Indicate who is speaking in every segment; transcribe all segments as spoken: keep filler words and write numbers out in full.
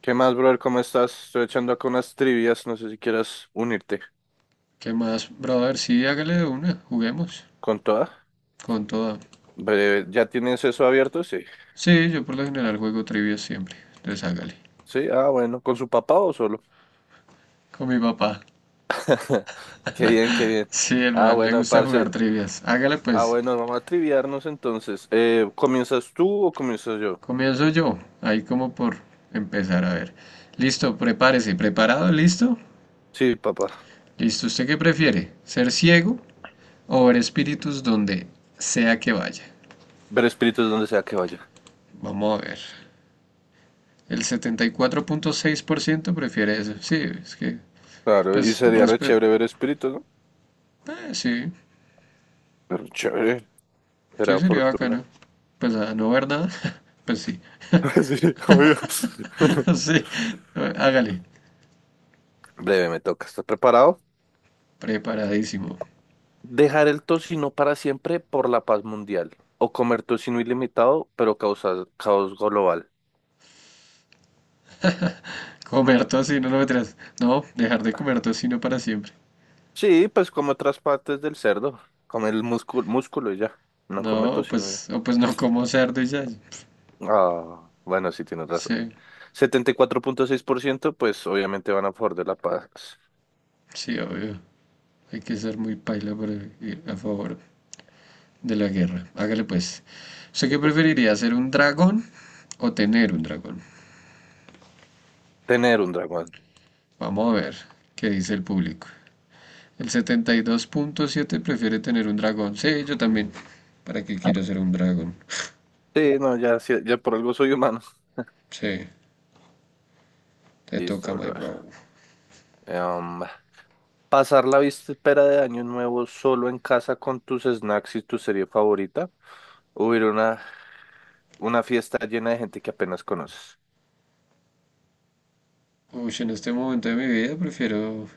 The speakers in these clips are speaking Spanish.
Speaker 1: ¿Qué más, brother? ¿Cómo estás? Estoy echando acá unas trivias, no sé si quieras unirte
Speaker 2: ¿Qué más, brother? Sí, hágale de una, juguemos.
Speaker 1: con toda.
Speaker 2: Con toda.
Speaker 1: Breve, ¿ya tienes eso abierto? Sí.
Speaker 2: Sí, yo por lo general juego trivias siempre. Entonces hágale.
Speaker 1: Sí, ah, bueno, ¿con su papá o solo?
Speaker 2: Con mi papá.
Speaker 1: Qué bien, qué bien.
Speaker 2: Sí, el
Speaker 1: Ah,
Speaker 2: man le
Speaker 1: bueno,
Speaker 2: gusta
Speaker 1: parce.
Speaker 2: jugar trivias. Hágale
Speaker 1: Ah,
Speaker 2: pues.
Speaker 1: bueno, vamos a triviarnos entonces. Eh, ¿comienzas tú o comienzas yo?
Speaker 2: Comienzo yo. Ahí como por empezar a ver. Listo, prepárese. ¿Preparado? ¿Listo?
Speaker 1: Sí, papá.
Speaker 2: Listo. ¿Usted qué prefiere? ¿Ser ciego o ver espíritus donde sea que vaya?
Speaker 1: Ver espíritus donde sea que vaya.
Speaker 2: Vamos a ver. El setenta y cuatro punto seis por ciento prefiere eso. Sí, es que,
Speaker 1: Claro, y
Speaker 2: pues,
Speaker 1: sería re
Speaker 2: respeto.
Speaker 1: chévere ver espíritus, ¿no?
Speaker 2: Eh, sí,
Speaker 1: Pero chévere,
Speaker 2: Sí,
Speaker 1: será
Speaker 2: sería
Speaker 1: fortuna.
Speaker 2: bacano. Pues a no ver nada, pues sí,
Speaker 1: Sí, obvio.
Speaker 2: sí, hágale,
Speaker 1: Breve, me toca. ¿Estás preparado?
Speaker 2: preparadísimo.
Speaker 1: Dejar el tocino para siempre por la paz mundial o comer tocino ilimitado pero causar caos global.
Speaker 2: Comer tocino, no me traes. No, dejar de comer tocino para siempre.
Speaker 1: Sí, pues come otras partes del cerdo, come el músculo, músculo y ya, no come
Speaker 2: No,
Speaker 1: tocino ya.
Speaker 2: pues, o pues no como cerdo y ya.
Speaker 1: Ah, bueno, sí tienes razón.
Speaker 2: Sí,
Speaker 1: Setenta y cuatro punto seis por ciento pues obviamente van a favor de la paz.
Speaker 2: sí, obvio. Hay que ser muy paila para ir a favor de la guerra. Hágale pues. ¿Usted qué
Speaker 1: Entonces,
Speaker 2: preferiría, ser un dragón o tener un dragón?
Speaker 1: tener un dragón.
Speaker 2: Vamos a ver qué dice el público. El setenta y dos punto siete prefiere tener un dragón. Sí, yo también. ¿Para qué quiero ser un dragón?
Speaker 1: Sí, no, ya, sí, ya por algo soy humano.
Speaker 2: Sí, te toca,
Speaker 1: Listo,
Speaker 2: my
Speaker 1: brother.
Speaker 2: bro.
Speaker 1: Em, pasar la víspera de Año Nuevo solo en casa con tus snacks y tu serie favorita. Hubiera una Una fiesta llena de gente que apenas conoces.
Speaker 2: Uy, en este momento de mi vida prefiero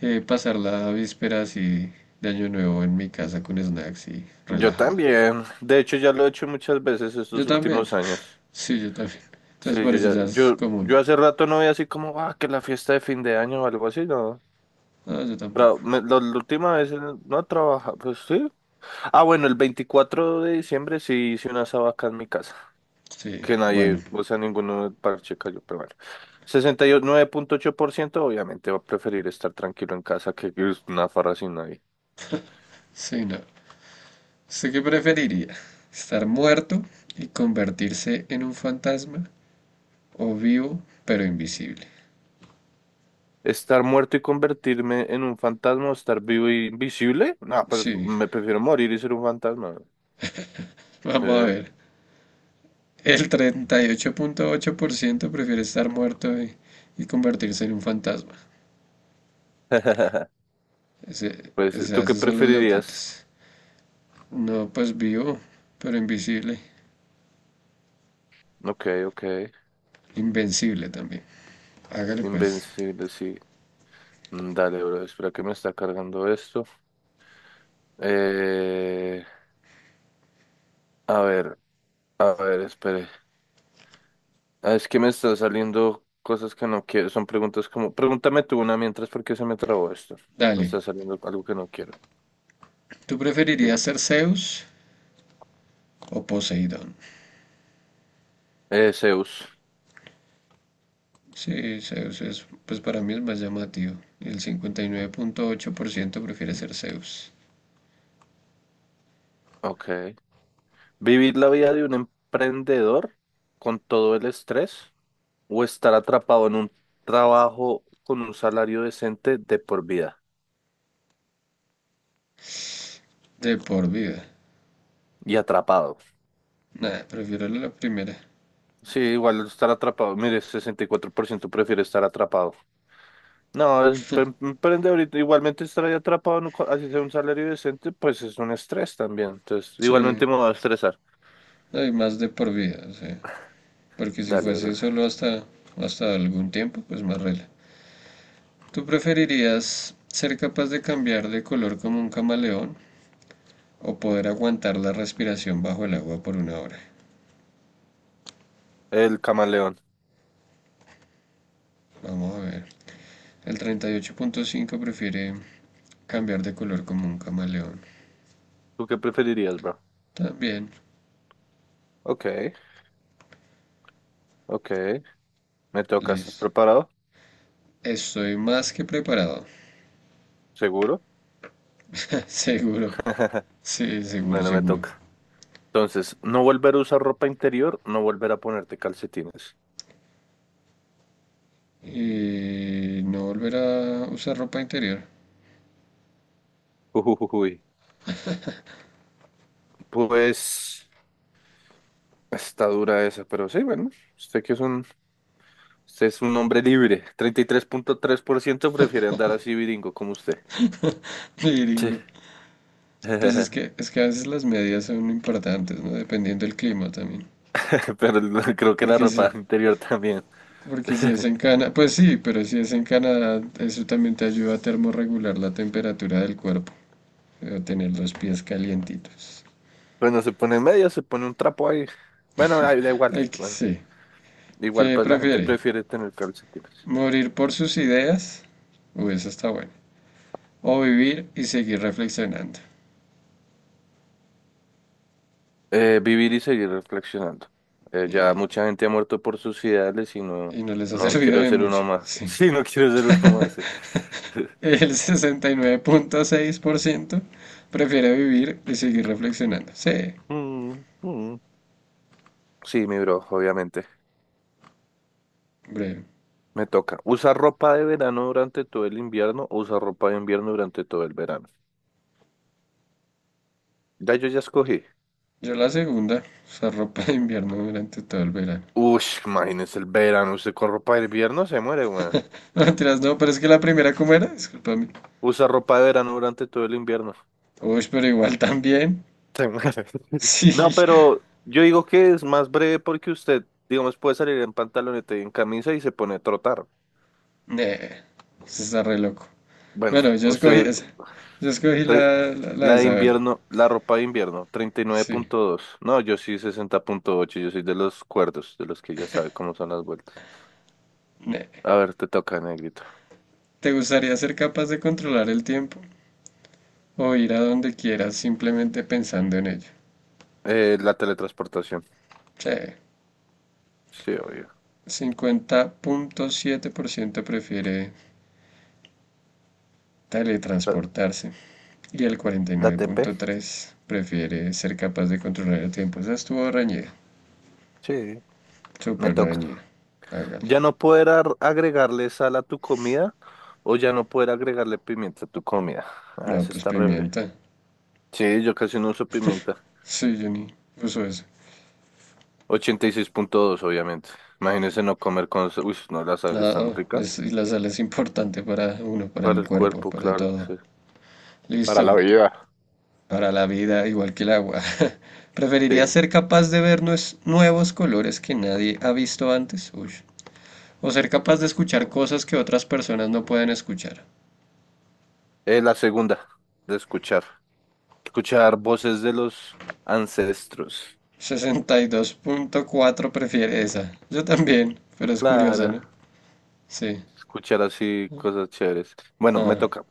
Speaker 2: eh, pasar la víspera así de Año Nuevo en mi casa con snacks y
Speaker 1: Yo
Speaker 2: relajada.
Speaker 1: también. De hecho, ya lo he hecho muchas veces
Speaker 2: Yo
Speaker 1: estos
Speaker 2: también.
Speaker 1: últimos años.
Speaker 2: Sí, yo también. Entonces
Speaker 1: Sí,
Speaker 2: por
Speaker 1: yo
Speaker 2: eso
Speaker 1: ya,
Speaker 2: ya es
Speaker 1: yo,
Speaker 2: común.
Speaker 1: yo hace rato no veía así como, ah, que la fiesta de fin de año o algo así, no.
Speaker 2: No, yo tampoco.
Speaker 1: Pero me- la, la última vez eh, no trabajaba, pues sí. Ah, bueno, el veinticuatro de diciembre sí hice una sabaca en mi casa,
Speaker 2: Sí,
Speaker 1: que
Speaker 2: bueno.
Speaker 1: nadie, o sea, ninguno del parche cayó, pero bueno. Sesenta y nueve punto ocho por ciento obviamente va a preferir estar tranquilo en casa que que es una farra sin nadie.
Speaker 2: Sí, no. ¿Usted qué preferiría? ¿Estar muerto y convertirse en un fantasma o vivo pero invisible?
Speaker 1: ¿Estar muerto y convertirme en un fantasma o estar vivo y invisible? No, pues
Speaker 2: Sí,
Speaker 1: me prefiero morir y ser un fantasma. Sí.
Speaker 2: vamos a ver. El treinta y ocho ocho punto ocho por ciento prefiere estar muerto y, y convertirse en un fantasma. Ese, o
Speaker 1: Pues, ¿tú qué
Speaker 2: esos son los
Speaker 1: preferirías?
Speaker 2: loquitos. No, pues vivo, pero invisible.
Speaker 1: Ok, ok.
Speaker 2: Invencible también. Hágale pues.
Speaker 1: Invencible, sí. Mm, dale, bro, espera que me está cargando esto. Eh, a ver, a ver, espere. Ah, es que me está saliendo cosas que no quiero. Son preguntas como... Pregúntame tú una mientras porque se me trabó esto. Me
Speaker 2: Dale.
Speaker 1: está saliendo algo que no quiero,
Speaker 2: ¿Tú preferirías
Speaker 1: digamos.
Speaker 2: ser Zeus o Poseidón?
Speaker 1: Eh, Zeus.
Speaker 2: Sí, Zeus es, pues para mí es más llamativo. El cincuenta y nueve punto ocho por ciento prefiere ser Zeus.
Speaker 1: Ok. ¿Vivir la vida de un emprendedor con todo el estrés o estar atrapado en un trabajo con un salario decente de por vida
Speaker 2: De por vida.
Speaker 1: y atrapado?
Speaker 2: Nada, prefiero la primera.
Speaker 1: Sí, igual estar atrapado. Mire, sesenta y cuatro por ciento prefiere estar atrapado. No, el em- emprendedor igualmente estar ahí atrapado, no co- así sea un salario decente, pues es un estrés también. Entonces,
Speaker 2: Sí,
Speaker 1: igualmente me va a estresar.
Speaker 2: no hay más de por vida. Sí. Porque si
Speaker 1: Dale,
Speaker 2: fuese
Speaker 1: bro.
Speaker 2: solo hasta, hasta algún tiempo, pues más rela. ¿Tú preferirías ser capaz de cambiar de color como un camaleón o poder aguantar la respiración bajo el agua por una hora?
Speaker 1: El camaleón.
Speaker 2: Vamos a ver. El treinta y ocho punto cinco prefiere cambiar de color como un camaleón.
Speaker 1: ¿Tú qué preferirías, bro?
Speaker 2: También,
Speaker 1: Ok, ok. Me toca. ¿Estás
Speaker 2: listo.
Speaker 1: preparado?
Speaker 2: Estoy más que preparado.
Speaker 1: ¿Seguro?
Speaker 2: Seguro. Sí, seguro,
Speaker 1: Bueno, me
Speaker 2: seguro.
Speaker 1: toca. Entonces, no volver a usar ropa interior, no volver a ponerte calcetines.
Speaker 2: Y no volver a usar ropa interior.
Speaker 1: Ujujujuy. Pues está dura esa, pero sí, bueno, usted que es un, usted es un hombre libre. Treinta y tres tres punto tres por ciento prefiere andar así viringo como usted. Sí.
Speaker 2: Miringo. Pues es que, es que a veces las medidas son importantes, ¿no? Dependiendo del clima también.
Speaker 1: Pero el- creo que la
Speaker 2: Porque
Speaker 1: ropa
Speaker 2: sí,
Speaker 1: interior también.
Speaker 2: porque si es en Canadá, pues sí, pero si es en Canadá, eso también te ayuda a termorregular la temperatura del cuerpo, o tener los pies calientitos.
Speaker 1: Bueno, se pone en medio, se pone un trapo ahí. Bueno, ahí da igual.
Speaker 2: Ay, que
Speaker 1: Bueno,
Speaker 2: sí.
Speaker 1: igual,
Speaker 2: ¿Qué
Speaker 1: pues la gente
Speaker 2: prefiere?
Speaker 1: prefiere tener calcetines.
Speaker 2: ¿Morir por sus ideas? Uy, eso está bueno. O vivir y seguir reflexionando.
Speaker 1: Eh, vivir y seguir reflexionando. Eh, ya
Speaker 2: Y,
Speaker 1: mucha gente ha muerto por sus ideales y no,
Speaker 2: y no les ha
Speaker 1: no
Speaker 2: servido
Speaker 1: quiero
Speaker 2: de
Speaker 1: ser
Speaker 2: mucho,
Speaker 1: uno más.
Speaker 2: sí.
Speaker 1: Sí, no quiero ser uno más. eh.
Speaker 2: El sesenta y nueve punto seis por ciento prefiere vivir y seguir reflexionando. Sí.
Speaker 1: Mm, mm. Sí, mi bro, obviamente.
Speaker 2: Hombre,
Speaker 1: Me toca. ¿Usar ropa de verano durante todo el invierno o usar ropa de invierno durante todo el verano? Ya yo ya escogí.
Speaker 2: yo la segunda, usar ropa de invierno durante todo el verano.
Speaker 1: Uy, imagínese el verano. Usted con ropa de invierno se muere, weón.
Speaker 2: No, mentiras, no, pero es que la primera, ¿cómo era? Discúlpame.
Speaker 1: Usa ropa de verano durante todo el invierno.
Speaker 2: Uy, pero igual también.
Speaker 1: Sí, madre. No,
Speaker 2: Sí,
Speaker 1: pero yo digo que es más breve porque usted, digamos, puede salir en pantaloneta y en camisa y se pone a trotar.
Speaker 2: ne, se está re loco.
Speaker 1: Bueno,
Speaker 2: Bueno, yo escogí
Speaker 1: usted,
Speaker 2: esa. Yo escogí
Speaker 1: tre-
Speaker 2: la, la, la
Speaker 1: la
Speaker 2: de
Speaker 1: de
Speaker 2: saber.
Speaker 1: invierno, la ropa de invierno, treinta y nueve
Speaker 2: Sí,
Speaker 1: punto dos. No, yo sí sesenta punto ocho. Yo soy de los cuerdos, de los que ya sabe cómo son las vueltas.
Speaker 2: ne.
Speaker 1: A ver, te toca, negrito.
Speaker 2: ¿Te gustaría ser capaz de controlar el tiempo o ir a donde quieras simplemente pensando en ello?
Speaker 1: Eh, la teletransportación.
Speaker 2: Sí,
Speaker 1: Sí, obvio.
Speaker 2: cincuenta punto siete por ciento prefiere
Speaker 1: ¿La,
Speaker 2: teletransportarse. Y el
Speaker 1: la T P?
Speaker 2: cuarenta y nueve punto tres prefiere ser capaz de controlar el tiempo. Esa estuvo reñida,
Speaker 1: Sí, me
Speaker 2: súper
Speaker 1: toca.
Speaker 2: reñida. Hágale.
Speaker 1: Ya no poder ar- agregarle sal a tu comida o ya no poder agregarle pimienta a tu comida. Ah,
Speaker 2: No,
Speaker 1: eso
Speaker 2: pues
Speaker 1: está re breve.
Speaker 2: pimienta.
Speaker 1: Sí, yo casi no uso pimienta.
Speaker 2: Sí, yo ni uso eso.
Speaker 1: Ochenta y seis punto dos obviamente. Imagínense no comer con... sa- uy, no, la sal es tan
Speaker 2: No,
Speaker 1: rica.
Speaker 2: es, y la sal es importante para uno, para
Speaker 1: Para
Speaker 2: el
Speaker 1: el
Speaker 2: cuerpo,
Speaker 1: cuerpo,
Speaker 2: para
Speaker 1: claro,
Speaker 2: todo.
Speaker 1: sí. Para la
Speaker 2: Listo,
Speaker 1: vida.
Speaker 2: para la vida, igual que el agua. ¿Preferiría
Speaker 1: Sí.
Speaker 2: ser capaz de ver nuevos colores que nadie ha visto antes? Uy. ¿O ser capaz de escuchar cosas que otras personas no pueden escuchar?
Speaker 1: Eh, la segunda, de escuchar. Escuchar voces de los ancestros.
Speaker 2: Sesenta y dos punto cuatro prefiere esa. Yo también, pero es curiosa,
Speaker 1: Claro,
Speaker 2: ¿no? Sí.
Speaker 1: escuchar así cosas chéveres. Bueno, me
Speaker 2: Ah,
Speaker 1: toca.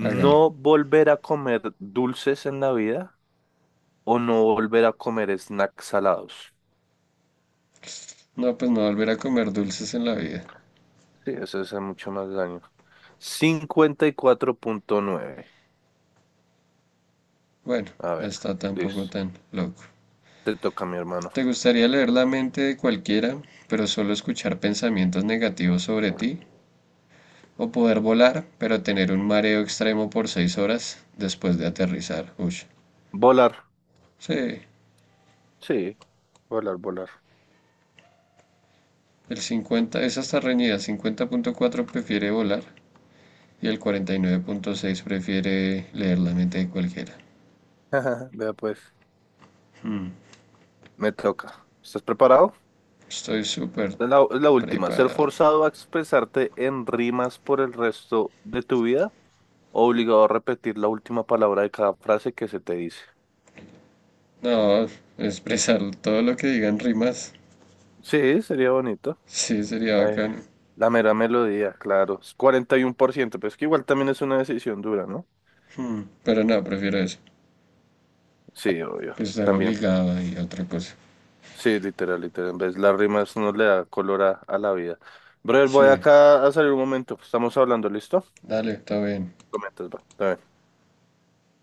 Speaker 2: hágale.
Speaker 1: volver a comer dulces en la vida o no volver a comer snacks salados.
Speaker 2: No, pues no volver a comer dulces en la vida.
Speaker 1: Sí, eso hace mucho más daño. Cincuenta y cuatro punto nueve.
Speaker 2: Bueno,
Speaker 1: A
Speaker 2: no
Speaker 1: ver,
Speaker 2: está tampoco
Speaker 1: listo.
Speaker 2: tan loco.
Speaker 1: Te toca, mi hermano.
Speaker 2: ¿Te gustaría leer la mente de cualquiera, pero solo escuchar pensamientos negativos sobre ti? ¿O poder volar, pero tener un mareo extremo por seis horas después de aterrizar? Uy.
Speaker 1: Volar.
Speaker 2: Sí,
Speaker 1: Sí, volar, volar.
Speaker 2: el cincuenta, esa está reñida. Cincuenta punto cuatro prefiere volar y el cuarenta y nueve punto seis prefiere leer la mente de cualquiera.
Speaker 1: Vea pues, me toca. ¿Estás preparado?
Speaker 2: Estoy súper
Speaker 1: Esta es la, es la última. ¿Ser
Speaker 2: preparado.
Speaker 1: forzado a expresarte en rimas por el resto de tu vida? ¿O obligado a repetir la última palabra de cada frase que se te dice?
Speaker 2: No, expresar todo lo que digan rimas,
Speaker 1: Sí, sería bonito.
Speaker 2: sí sería
Speaker 1: Ay,
Speaker 2: bacano.
Speaker 1: la mera melodía, claro. Es cuarenta y uno por ciento, pero es que igual también es una decisión dura, ¿no?
Speaker 2: Hmm, Pero no, prefiero eso,
Speaker 1: Sí, obvio,
Speaker 2: que estar
Speaker 1: también.
Speaker 2: obligado y otra cosa.
Speaker 1: Sí, literal, literal. En vez las rimas nos le da color a, a la vida. Brother, voy
Speaker 2: Sí,
Speaker 1: acá a salir un momento. Estamos hablando, ¿listo?
Speaker 2: dale, está bien.
Speaker 1: Comentas, va. Está bien.